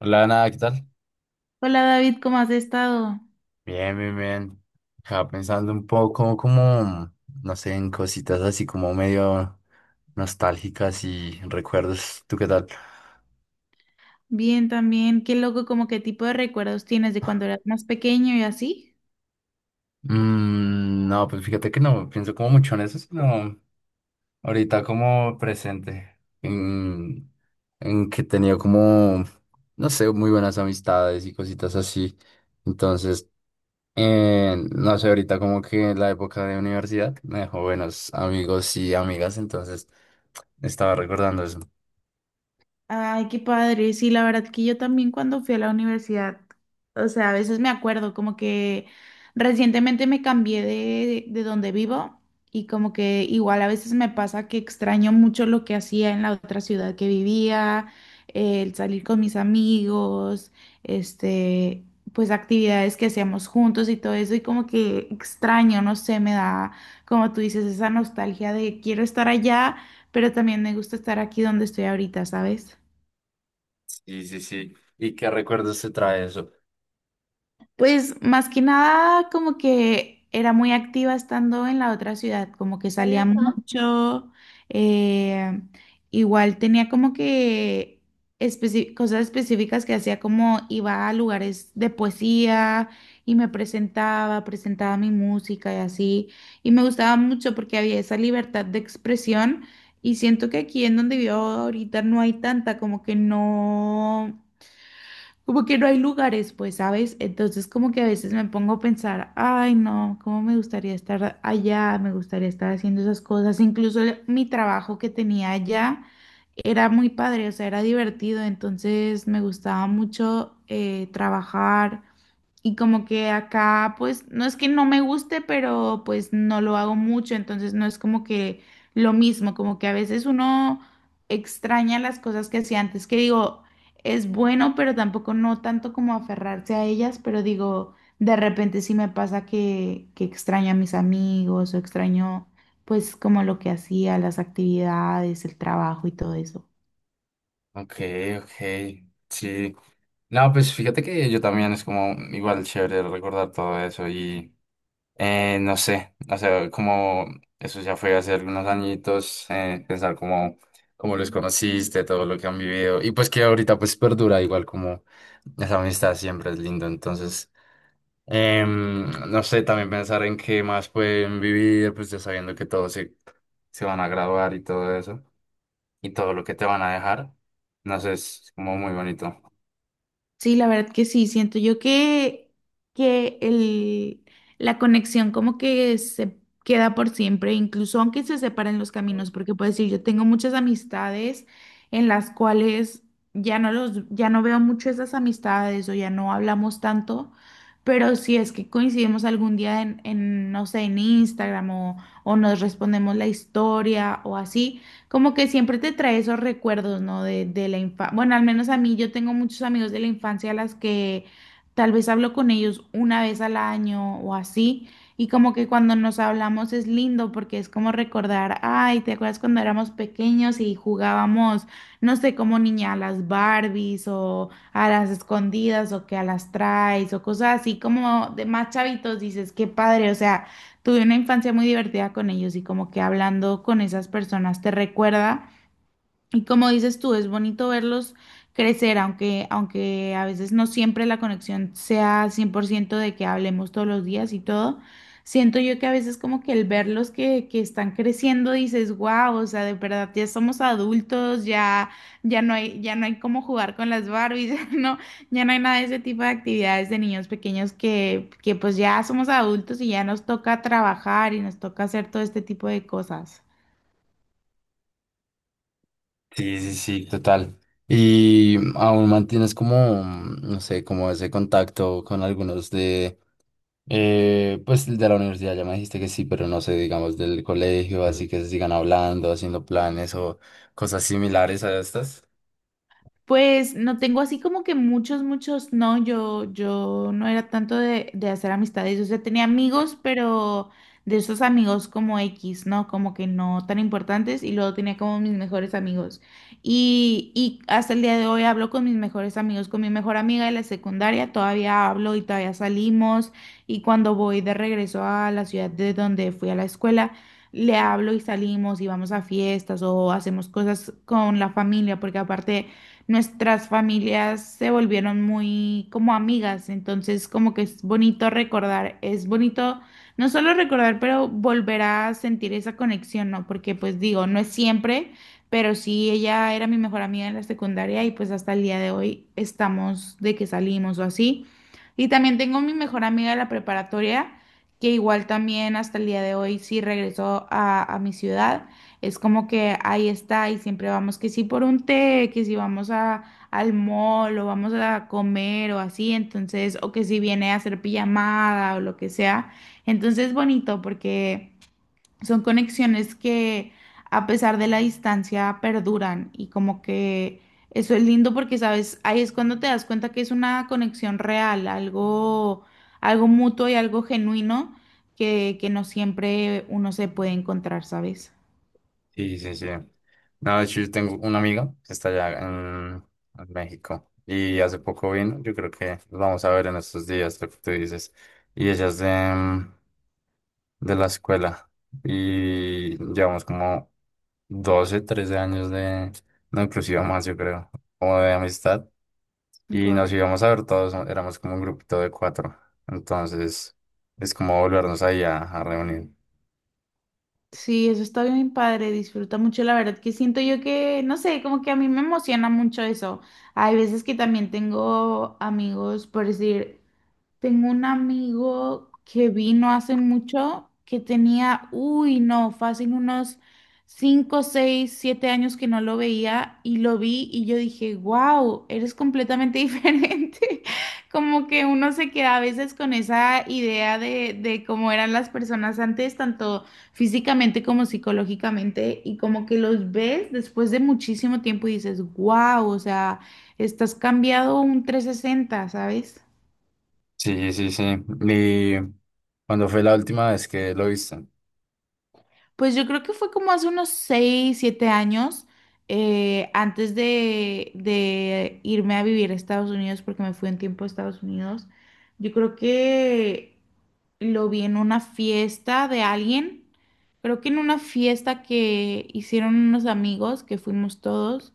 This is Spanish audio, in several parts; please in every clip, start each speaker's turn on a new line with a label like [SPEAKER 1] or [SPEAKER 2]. [SPEAKER 1] Hola, nada, ¿qué tal?
[SPEAKER 2] Hola David, ¿cómo has estado?
[SPEAKER 1] Bien, bien, bien. Estaba pensando un poco como, no sé, en cositas así como medio nostálgicas y recuerdos. ¿Tú qué tal?
[SPEAKER 2] Bien también. Qué loco, como qué tipo de recuerdos tienes de cuando eras más pequeño y así.
[SPEAKER 1] Mm, no, pues fíjate que no pienso como mucho en eso, sino ahorita como presente, en que he tenido como, no sé, muy buenas amistades y cositas así. Entonces, no sé, ahorita como que la época de universidad me dejó buenos amigos y amigas, entonces... Estaba recordando eso.
[SPEAKER 2] Ay, qué padre. Sí, la verdad que yo también cuando fui a la universidad, o sea, a veces me acuerdo como que recientemente me cambié de donde vivo y como que igual a veces me pasa que extraño mucho lo que hacía en la otra ciudad que vivía, el salir con mis amigos, este, pues actividades que hacíamos juntos y todo eso y como que extraño, no sé, me da, como tú dices, esa nostalgia de quiero estar allá, pero también me gusta estar aquí donde estoy ahorita, ¿sabes?
[SPEAKER 1] Sí, sí, sí. ¿Y qué recuerdos te trae eso?
[SPEAKER 2] Pues más que nada como que era muy activa estando en la otra ciudad, como que
[SPEAKER 1] Hola,
[SPEAKER 2] salía
[SPEAKER 1] pa.
[SPEAKER 2] mucho, eh, igual tenía como que cosas específicas que hacía, como iba a lugares de poesía y me presentaba mi música y así, y me gustaba mucho porque había esa libertad de expresión y siento que aquí en donde vivo ahorita no hay tanta, como que no hay lugares, pues, ¿sabes? Entonces como que a veces me pongo a pensar, ay, no, cómo me gustaría estar allá, me gustaría estar haciendo esas cosas. Incluso mi trabajo que tenía allá era muy padre, o sea, era divertido, entonces me gustaba mucho trabajar. Y como que acá, pues, no es que no me guste, pero pues no lo hago mucho, entonces no es como que lo mismo, como que a veces uno extraña las cosas que hacía antes, que digo, es bueno, pero tampoco no tanto como aferrarse a ellas, pero digo, de repente sí me pasa que extraño a mis amigos o extraño pues como lo que hacía, las actividades, el trabajo y todo eso.
[SPEAKER 1] Ok, ok. Sí. No, pues fíjate que yo también es como igual chévere recordar todo eso y no sé, o sea, como eso ya fue hace algunos añitos, pensar como cómo los conociste, todo lo que han vivido y pues que ahorita pues perdura igual como esa amistad siempre es lindo, entonces... No sé, también pensar en qué más pueden vivir, pues ya sabiendo que todos se van a graduar y todo eso, y todo lo que te van a dejar. No sé, es como muy bonito.
[SPEAKER 2] Sí, la verdad que sí, siento yo que la conexión como que se queda por siempre, incluso aunque se separen los caminos, porque puedo decir, yo tengo muchas amistades en las cuales ya no veo mucho esas amistades o ya no hablamos tanto, pero si es que coincidimos algún día no sé, en Instagram o nos respondemos la historia o así como que siempre te trae esos recuerdos, ¿no? De la infancia. Bueno, al menos a mí, yo tengo muchos amigos de la infancia a las que tal vez hablo con ellos una vez al año o así. Y como que cuando nos hablamos es lindo porque es como recordar, ay, ¿te acuerdas cuando éramos pequeños y jugábamos, no sé, como niña a las Barbies o a las escondidas o que a las traes o cosas así como de más chavitos? Dices, qué padre, o sea, tuve una infancia muy divertida con ellos y como que hablando con esas personas te recuerda, y como dices tú, es bonito verlos crecer, aunque, aunque a veces no siempre la conexión sea 100% de que hablemos todos los días y todo. Siento yo que a veces como que el verlos que están creciendo dices, wow, o sea, de verdad ya somos adultos. Ya, ya no hay cómo jugar con las Barbies, no, ya no hay nada de ese tipo de actividades de niños pequeños que pues ya somos adultos y ya nos toca trabajar y nos toca hacer todo este tipo de cosas.
[SPEAKER 1] Sí, sí, sí, total. Y aún mantienes como, no sé, como ese contacto con algunos de, pues de la universidad, ya me dijiste que sí, pero no sé, digamos del colegio, así que se sigan hablando, haciendo planes o cosas similares a estas.
[SPEAKER 2] Pues no tengo así como que muchos, muchos, no, yo no era tanto de hacer amistades, o sea, tenía amigos, pero de esos amigos como X, ¿no? Como que no tan importantes, y luego tenía como mis mejores amigos. Y hasta el día de hoy hablo con mis mejores amigos, con mi mejor amiga de la secundaria, todavía hablo y todavía salimos y cuando voy de regreso a la ciudad de donde fui a la escuela. Le hablo y salimos y vamos a fiestas o hacemos cosas con la familia, porque aparte nuestras familias se volvieron muy como amigas, entonces como que es bonito recordar, es bonito no solo recordar, pero volver a sentir esa conexión, ¿no? Porque pues digo, no es siempre, pero sí ella era mi mejor amiga en la secundaria y pues hasta el día de hoy estamos de que salimos o así. Y también tengo mi mejor amiga de la preparatoria, que igual también hasta el día de hoy sí regresó a mi ciudad. Es como que ahí está y siempre vamos que si por un té, que si vamos al mall, o vamos a comer o así, entonces, o que si viene a hacer pijamada o lo que sea. Entonces es bonito porque son conexiones que a pesar de la distancia perduran y como que eso es lindo porque, sabes, ahí es cuando te das cuenta que es una conexión real, algo, algo mutuo y algo genuino que no siempre uno se puede encontrar, ¿sabes?
[SPEAKER 1] Sí, sí, sí. No, de hecho, yo tengo una amiga que está allá en México y hace poco vino. Yo creo que nos vamos a ver en estos días, lo que tú dices. Y ella es mm, de la escuela y llevamos como 12, 13 años de, no, inclusive más, yo creo, como de amistad. Y
[SPEAKER 2] Guau.
[SPEAKER 1] nos íbamos a ver todos, ¿no? Éramos como un grupito de cuatro. Entonces, es como volvernos ahí a reunir.
[SPEAKER 2] Sí, eso está bien padre, disfruta mucho, la verdad que siento yo que, no sé, como que a mí me emociona mucho eso. Hay veces que también tengo amigos, por decir, tengo un amigo que vino hace mucho, que tenía, uy, no, fácil unos 5, 6, 7 años que no lo veía, y lo vi y yo dije, wow, eres completamente diferente. Como que uno se queda a veces con esa idea de cómo eran las personas antes, tanto físicamente como psicológicamente, y como que los ves después de muchísimo tiempo y dices, wow, o sea, estás cambiado un 360, ¿sabes?
[SPEAKER 1] Sí, sí, sí. Y, ¿cuando fue la última vez que lo viste?
[SPEAKER 2] Pues yo creo que fue como hace unos 6 7 años, antes de irme a vivir a Estados Unidos, porque me fui un tiempo a Estados Unidos. Yo creo que lo vi en una fiesta de alguien, creo que en una fiesta que hicieron unos amigos, que fuimos todos,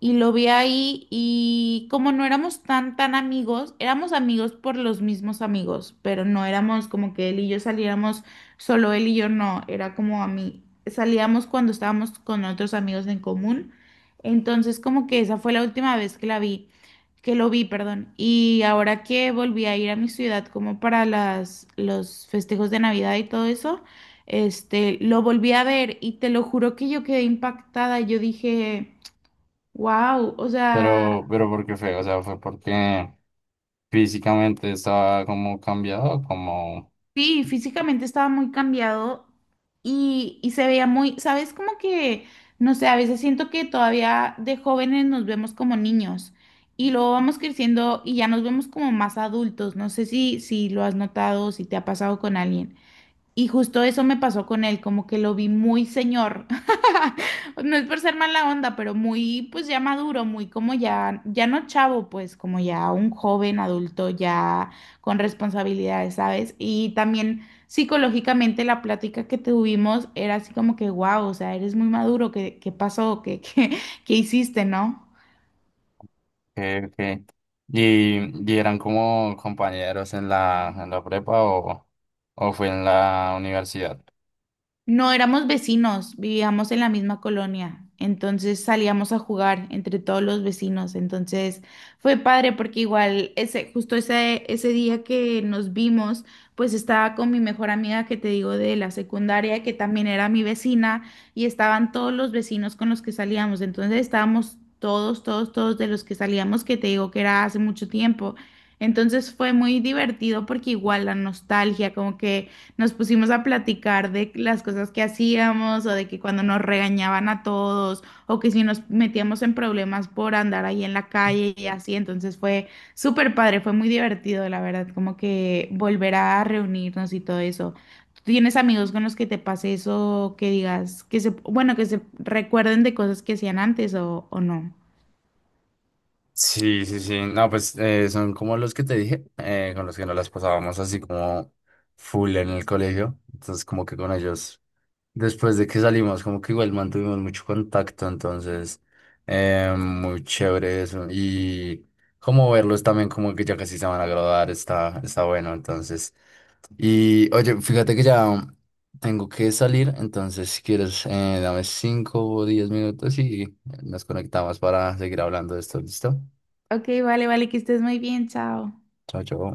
[SPEAKER 2] y lo vi ahí, y como no éramos tan amigos, éramos amigos por los mismos amigos, pero no éramos como que él y yo saliéramos. Solo él y yo no, era como a mí. Salíamos cuando estábamos con otros amigos en común. Entonces, como que esa fue la última vez que la vi, que lo vi, perdón. Y ahora que volví a ir a mi ciudad como para los festejos de Navidad y todo eso, este, lo volví a ver y te lo juro que yo quedé impactada. Yo dije, wow, o
[SPEAKER 1] Pero,
[SPEAKER 2] sea,
[SPEAKER 1] pero ¿por qué fue? O sea, ¿fue porque físicamente estaba como cambiado, como
[SPEAKER 2] sí, físicamente estaba muy cambiado y se veía muy, ¿sabes? Como que, no sé, a veces siento que todavía de jóvenes nos vemos como niños y luego vamos creciendo y ya nos vemos como más adultos. No sé si lo has notado o si te ha pasado con alguien. Y justo eso me pasó con él, como que lo vi muy señor. No es por ser mala onda, pero muy, pues ya maduro, muy como ya, ya no chavo, pues como ya un joven adulto, ya con responsabilidades, ¿sabes? Y también psicológicamente la plática que tuvimos era así como que, wow, o sea, eres muy maduro. ¿Qué, qué pasó? ¿Qué, qué hiciste, no?
[SPEAKER 1] que? Y eran como compañeros en la prepa o, ¿o fue en la universidad?
[SPEAKER 2] No éramos vecinos, vivíamos en la misma colonia, entonces salíamos a jugar entre todos los vecinos, entonces fue padre porque igual ese día que nos vimos, pues estaba con mi mejor amiga que te digo de la secundaria, que también era mi vecina, y estaban todos los vecinos con los que salíamos, entonces estábamos todos, todos, todos de los que salíamos, que te digo que era hace mucho tiempo, entonces fue muy divertido porque igual la nostalgia, como que... Nos pusimos a platicar de las cosas que hacíamos, o de que cuando nos regañaban a todos, o que si nos metíamos en problemas por andar ahí en la calle y así. Entonces fue súper padre, fue muy divertido, la verdad, como que volver a reunirnos y todo eso. ¿Tú tienes amigos con los que te pase eso, que digas, que se recuerden de cosas que hacían antes o no?
[SPEAKER 1] Sí, sí, sí. No, pues son como los que te dije, con los que nos las pasábamos así como full en el colegio. Entonces, como que con ellos después de que salimos, como que igual mantuvimos mucho contacto, entonces, muy chévere eso. Y como verlos también, como que ya casi se van a graduar, está bueno, entonces. Y oye, fíjate que ya tengo que salir, entonces si quieres, dame 5 o 10 minutos y nos conectamos para seguir hablando de esto, ¿listo?
[SPEAKER 2] Ok, vale, vale, que estés muy bien, chao.
[SPEAKER 1] Chao, chao.